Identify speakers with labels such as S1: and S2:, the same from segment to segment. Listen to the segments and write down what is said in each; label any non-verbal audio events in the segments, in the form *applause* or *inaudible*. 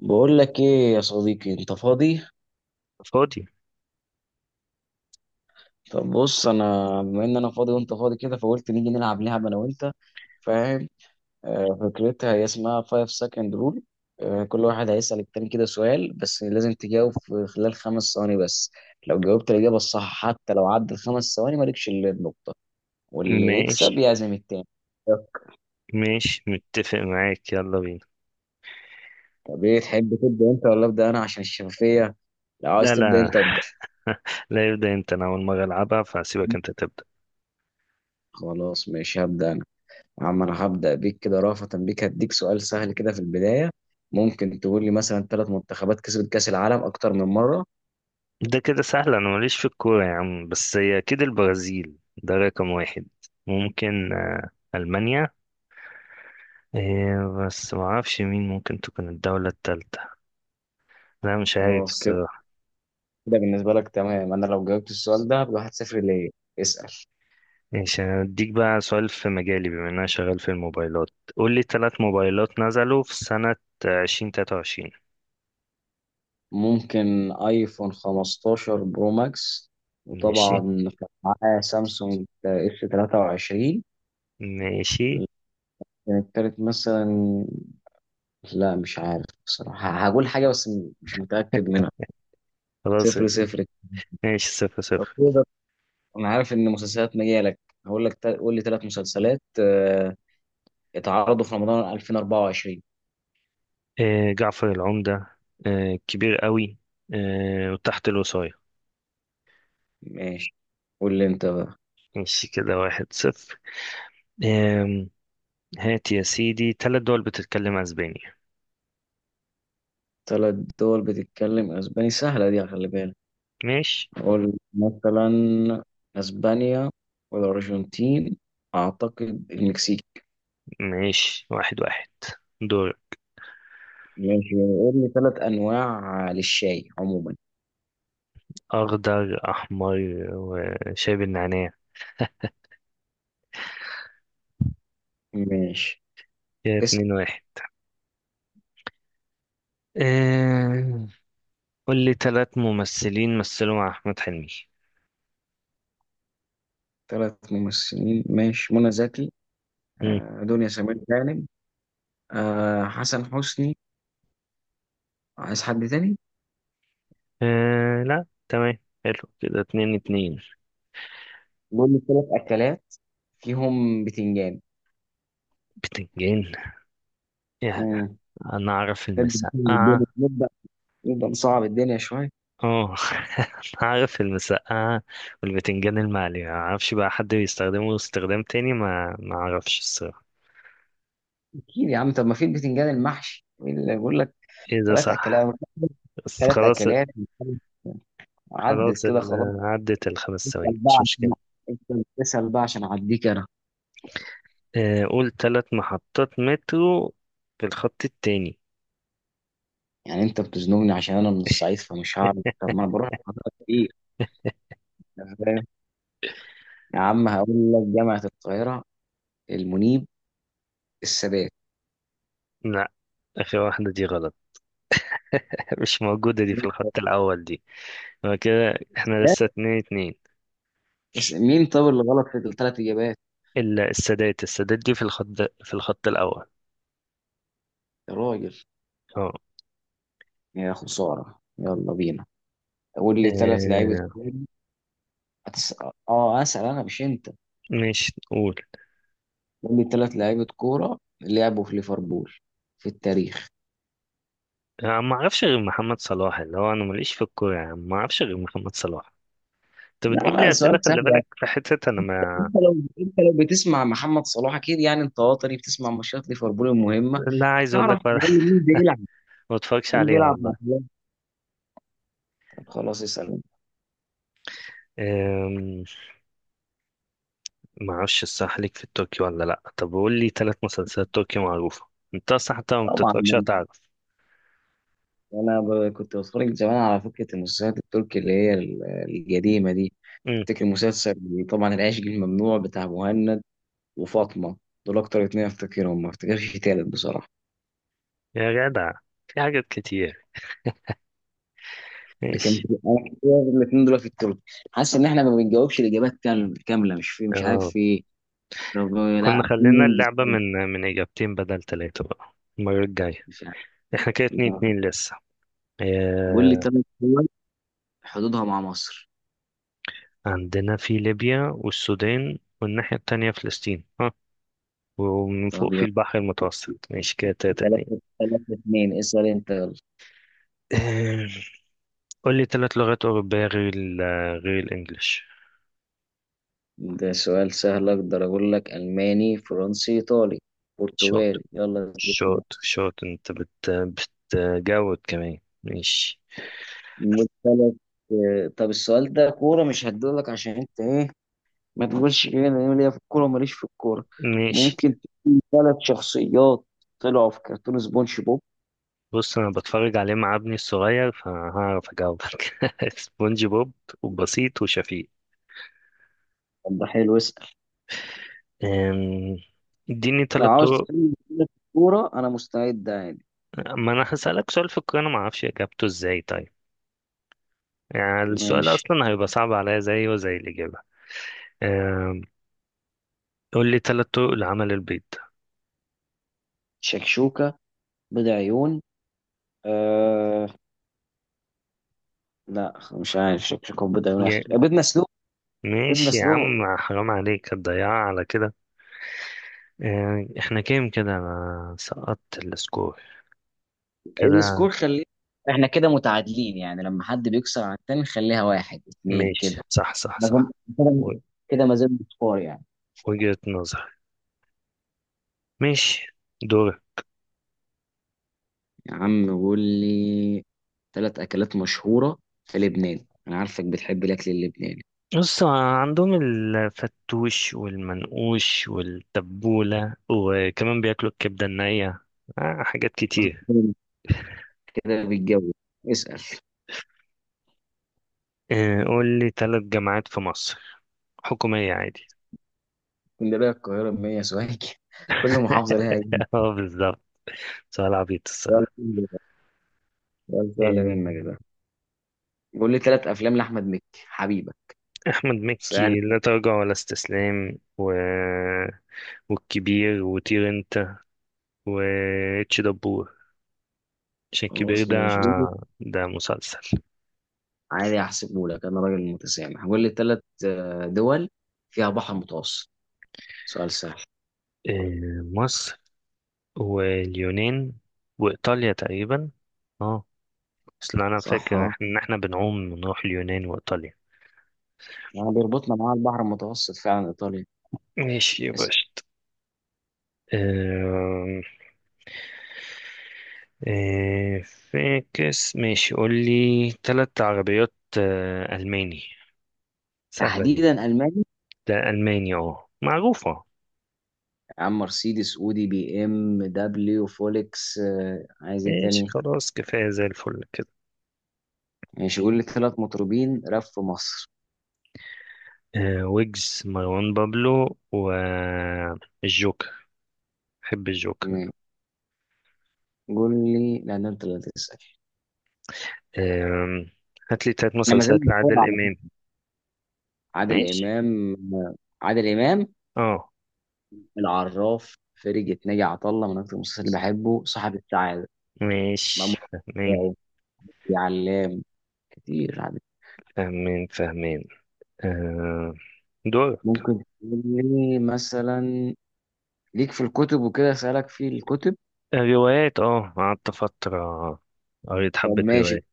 S1: بقول لك ايه يا صديقي؟ انت فاضي؟
S2: فاضي.
S1: طب بص انا، بما ان انا فاضي وانت فاضي كده فقلت نيجي نلعب لعبه انا وانت. فاهم؟ فكرتها هي اسمها 5 second rule. كل واحد هيسأل التاني كده سؤال، بس لازم تجاوب في خلال 5 ثواني بس. لو جاوبت الإجابة الصح حتى لو عدى ال5 ثواني مالكش إلا النقطة، واللي
S2: ماشي،
S1: يكسب يعزم التاني.
S2: ماشي، متفق معاك، يلا بينا.
S1: طب ايه تحب تبدأ انت ولا أبدأ انا عشان الشفافية؟ لو عايز
S2: لا،
S1: تبدأ
S2: لا.
S1: انت، ابدأ.
S2: *laughs* لا، يبدأ انت، انا اول مرة العبها فهسيبك انت تبدأ.
S1: خلاص ماشي، هبدأ. عم، انا هبدأ بيك كده، رافة بيك هديك سؤال سهل كده في البداية. ممكن تقول لي مثلا 3 منتخبات كسبت كأس العالم أكتر من مرة؟
S2: ده كده سهل، انا ماليش في الكورة يا عم، بس هي اكيد البرازيل ده رقم واحد. ممكن المانيا. إيه، بس معرفش مين ممكن تكون الدولة التالتة. لا، مش عارف
S1: خلاص كده،
S2: الصراحة.
S1: كده بالنسبة لك تمام. أنا لو جاوبت السؤال ده هبقى 1-0 ليه. اسأل.
S2: ماشي، أنا هديك بقى سؤال في مجالي بما إن أنا شغال في الموبايلات. قول لي تلات موبايلات نزلوا في سنة 2023.
S1: ممكن ايفون 15 برو ماكس، وطبعا
S2: ماشي.
S1: كان معاه سامسونج اس 23.
S2: ماشي.
S1: كان التالت مثلا، لا مش عارف بصراحة. هقول حاجة بس مش متأكد منها.
S2: خلاص.
S1: صفر صفر
S2: ماشي، 0-0.
S1: كده. انا عارف ان مسلسلات مجالك، قول لي 3 مسلسلات اتعرضوا في رمضان 2024.
S2: آه، جعفر العمدة. آه، كبير قوي. آه، وتحت الوصاية.
S1: ماشي، قول لي انت بقى.
S2: ماشي كده، 1-0. آه، هات يا سيدي ثلاث دول بتتكلم أسبانيا.
S1: ثلاث دول بتتكلم اسباني، سهله دي، خلي بالك.
S2: ماشي.
S1: قول مثلا اسبانيا، والارجنتين، اعتقد المكسيك.
S2: ماشي، 1-1. دور.
S1: ماشي، قول لي 3 انواع للشاي عموما.
S2: أخضر، أحمر، وشايب النعناع.
S1: ماشي.
S2: كده
S1: اسم
S2: 2-1. آه، قول لي ثلاث ممثلين مثلوا مع أحمد حلمي.
S1: 3 ممثلين؟ ماشي، منى زكي،
S2: مم.
S1: دنيا سمير غانم، حسن حسني. عايز حد تاني؟
S2: آه، لا، تمام. حلو، كده 2-2.
S1: المهم، 3 اكلات فيهم بتنجان.
S2: بتنجان. يا-
S1: امم
S2: انا اعرف
S1: الدنيا
S2: المسقعه.
S1: نبدا، نبدا نصعب الدنيا شويه.
S2: اه. *laughs* انا اعرف المسقعه والبتنجان المقلي، ما اعرفش بقى حد بيستخدمه استخدام تاني، ما اعرفش الصراحه.
S1: اكيد يا عم، طب ما في البتنجان المحشي، إيه اللي يقول لك
S2: ايه، ده
S1: ثلاث
S2: صح.
S1: اكلات
S2: بس
S1: ثلاث
S2: خلاص.
S1: اكلات عدت
S2: خلاص
S1: كده
S2: ال-
S1: خلاص.
S2: عدت الخمس
S1: اسال
S2: ثواني،
S1: بقى
S2: مش
S1: عشان
S2: مشكله.
S1: انت بتسال بقى عشان اعديك انا.
S2: قول ثلاث محطات مترو في الخط التاني.
S1: يعني انت بتزنقني عشان انا من الصعيد فمش هعرف. طب ما انا بروح محاضرات كتير، أنت فاهم؟ يا عم هقول لك جامعه القاهره، المنيب، السادات.
S2: لا، اخر واحده دي غلط. *laughs* مش موجوده دي في الخط الاول دي. هو كده احنا لسه 2-2.
S1: مين طب اللي غلط في ال3 اجابات؟
S2: السادات، السادات دي في الخط الاول.
S1: يا راجل، يا خسارة، يلا بينا. قول لي 3 لعيبة
S2: آه.
S1: كورة. هتس... اه اسأل انا مش انت.
S2: مش قول.
S1: قول لي ثلاث لعيبة كورة لعبوا في ليفربول في التاريخ.
S2: أنا ما أعرفش غير محمد صلاح، اللي هو أنا ماليش في الكورة، يعني ما أعرفش غير محمد صلاح. أنت
S1: لا
S2: بتجيب لي
S1: لا
S2: أسئلة،
S1: سؤال سهل
S2: خلي
S1: يعني.
S2: بالك في حتة أنا ما.
S1: انت لو بتسمع محمد صلاح اكيد، يعني انت وطني بتسمع ماتشات ليفربول المهمة،
S2: لا، عايز أقول
S1: هتعرف
S2: لك
S1: على
S2: ولا.
S1: الاقل مين بيلعب،
S2: *laughs* ما أتفرجش
S1: مين
S2: عليها
S1: بيلعب مع
S2: والله.
S1: فلان. طب خلاص اسأل.
S2: آم، ما أعرفش الصح ليك في التركي ولا لأ، طب قول لي ثلاث مسلسلات تركي معروفة. أنت أصلا حتى ما
S1: طبعا
S2: بتتفرجش هتعرف.
S1: انا كنت بتفرج زمان على فكرة المسلسلات التركي اللي هي القديمة دي.
S2: أمم،
S1: افتكر مسلسل، طبعا العشق الممنوع بتاع مهند، وفاطمه. دول اكتر 2 افتكرهم، ما افتكرش تالت بصراحه.
S2: يا جدع، في حاجات كتير.
S1: لكن
S2: ماشي.
S1: انا كده، ال2 دول في التوب. حاسس ان احنا ما بنجاوبش الاجابات كامله كامله، مش في، مش عارف
S2: اه،
S1: في ايه. طب لا
S2: كنا
S1: عايزين
S2: خلينا
S1: ننجز
S2: اللعبة
S1: طيب،
S2: من إجابتين بدل ثلاثة بقى المرة الجاية.
S1: مش عارف.
S2: احنا كده 2-2 لسه.
S1: قول لي
S2: آه،
S1: 3 دول حدودها مع مصر.
S2: عندنا في ليبيا والسودان والناحية التانية فلسطين، ها. ومن
S1: طب
S2: فوق في
S1: يلا،
S2: البحر المتوسط، ماشي كده 3-2.
S1: 3-3-2، اسأل انت يلا.
S2: آه، قول لي تلات لغات أوروبية غير غير الإنجليش.
S1: ده سؤال سهل، اقدر اقول لك الماني، فرنسي، ايطالي،
S2: شاطر،
S1: برتغالي يلا.
S2: شاطر شاطر، أنت بتجود كمان. ماشي.
S1: ال3. طب السؤال ده كورة مش هديهولك عشان انت ايه، ما تقولش كده إن انا ليا في الكوره وماليش في الكوره.
S2: ماشي.
S1: ممكن تكون 3 شخصيات طلعوا في كرتون سبونج بوب.
S2: بص، أنا بتفرج عليه مع ابني الصغير فهعرف أجاوبك. *laughs* سبونج بوب وبسيط وشفيق.
S1: طب ده حلو، اسال.
S2: آم، اديني
S1: لو
S2: تلات
S1: عاوز
S2: طرق.
S1: تتكلم في الكوره انا مستعد عادي.
S2: ما انا هسألك سؤال في القراءة انا ما اعرفش اجابته ازاي، طيب؟ يعني السؤال
S1: ماشي.
S2: اصلا هيبقى صعب عليا زيه وزي الاجابة. آم، قول لي ثلاث طرق لعمل البيض.
S1: شكشوكه، بيض عيون، آه لا مش عارف. شكشوكه وبيض عيون، اخر
S2: يا
S1: بيض مسلوق. بيض
S2: ماشي يا
S1: مسلوق.
S2: عم، حرام عليك، هتضيعها على كده. آه، احنا كام كده، انا سقطت السكور كده.
S1: السكور خليه، احنا كده متعادلين يعني، لما حد بيكسر على التاني نخليها 1-2
S2: ماشي،
S1: كده.
S2: صح صح
S1: ما زال-
S2: صح.
S1: كده.
S2: و-
S1: كده ما زال سكور يعني.
S2: وجهة نظر. ماشي، دور.
S1: يا عم قول لي 3 أكلات مشهورة في لبنان، أنا عارفك بتحب الأكل اللبناني.
S2: بص، عندهم الفتوش والمنقوش والتبولة، وكمان بياكلوا الكبدة النية. آه، حاجات كتير.
S1: كده بالجو. اسأل.
S2: آه، قول لي ثلاث جامعات في مصر حكومية عادي.
S1: اسكندرية، القاهرة، بمية سوهاج *laughs* كل محافظة لها نجم.
S2: *laughs* اه، بالظبط، سؤال عبيط
S1: سؤال
S2: الصراحة.
S1: سهل، سؤال سهل
S2: آه،
S1: منك ده. قول لي 3 أفلام لأحمد مكي حبيبة.
S2: أحمد
S1: سهل.
S2: مكي: لا تراجع ولا استسلام، والكبير وطير انت واتش دبور. عشان الكبير
S1: خلاص
S2: ده،
S1: ماشي قول لي،
S2: ده مسلسل.
S1: عادي أحسبه لك، أنا راجل متسامح. قول لي ثلاث دول فيها بحر متوسط، سؤال سهل.
S2: آه، مصر واليونان وإيطاليا تقريبا. اه، اصل انا
S1: صح
S2: فاكر
S1: اه،
S2: ان احنا بنعوم نروح اليونان وايطاليا.
S1: يعني بيربطنا معاه البحر المتوسط فعلا إيطاليا.
S2: ماشي يا باشا.
S1: اسأل.
S2: آه، إيه، فاكس، ماشي، قول لي ثلاث عربيات. آه، ألماني. سهلة دي.
S1: تحديدا ألمانيا؟
S2: ده ألماني، اه، معروفة.
S1: يا عم مرسيدس، اودي، بي ام دبليو، فولكس، عايز ايه
S2: ماشي
S1: تاني؟
S2: خلاص، كفاية زي الفل كده.
S1: ماشي، قول لي 3 مطربين راب في مصر.
S2: آه، ويجز، مروان بابلو، والجوكر. بحب الجوكر.
S1: م- قول لي، لا ده انت اللي هتسأل.
S2: آم، هات لي تلات
S1: احنا ما زلنا
S2: مسلسلات
S1: بنتفرج
S2: لعادل
S1: على
S2: إمام.
S1: فكرة. عادل
S2: ماشي.
S1: امام عادل امام،
S2: اه.
S1: العراف، فرقة ناجي عطا الله، من اكتر المسلسلات اللي بحبه صاحب السعادة، مأمون،
S2: ماشي، فاهمين،
S1: خلال، يا علام، كتير عادل.
S2: فاهمين فاهمين. آه، دور.
S1: ممكن تقول لي مثلا، ليك في الكتب وكده اسألك في الكتب.
S2: الروايات، اه، قعدت فترة، قريت
S1: طب
S2: حبة روايات.
S1: ماشي،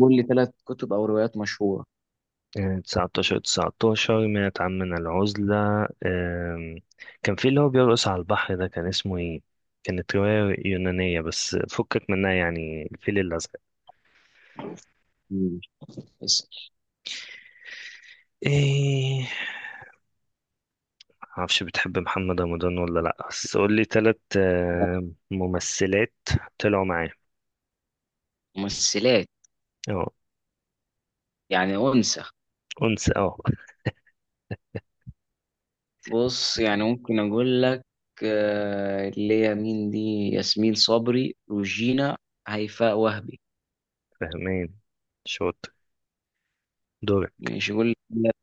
S1: قول لي 3 كتب او روايات مشهورة.
S2: آه، تسعتاشر تسعتاشر منعت عمنا العزلة. آم، كان في اللي هو بيرقص على البحر ده، كان اسمه ايه؟ كانت رواية يونانية بس فكك منها. يعني الفيل الأزرق.
S1: مم. بس؟
S2: ايه، معرفش بتحب محمد رمضان ولا لأ، بس قولي تلت ممثلات طلعوا معاه.
S1: ممثلات،
S2: اه.
S1: يعني أنثى؟
S2: أنس، اه.
S1: بص يعني ممكن أقول لك، اللي هي مين دي، ياسمين صبري، روجينا، هيفاء وهبي.
S2: فاهمين، شاطر، دور.
S1: ماشي أقول لك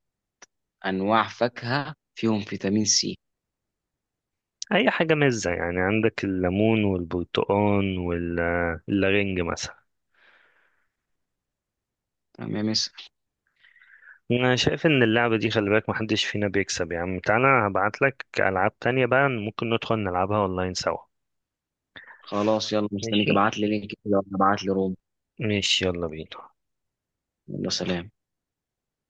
S1: أنواع فاكهة فيهم فيتامين سي.
S2: اي حاجه مزه، يعني عندك الليمون والبرتقال والرنج مثلا.
S1: تمام يا مس.
S2: انا شايف ان اللعبه دي، خلي بالك محدش فينا بيكسب، يا عم تعالى هبعت لك العاب تانية بقى، ممكن ندخل نلعبها اونلاين سوا.
S1: خلاص يلا مستنيك،
S2: ماشي،
S1: ابعت لي لينك كده وأنا ابعت لي روم.
S2: ماشي يلا بينا.
S1: يلا، سلام.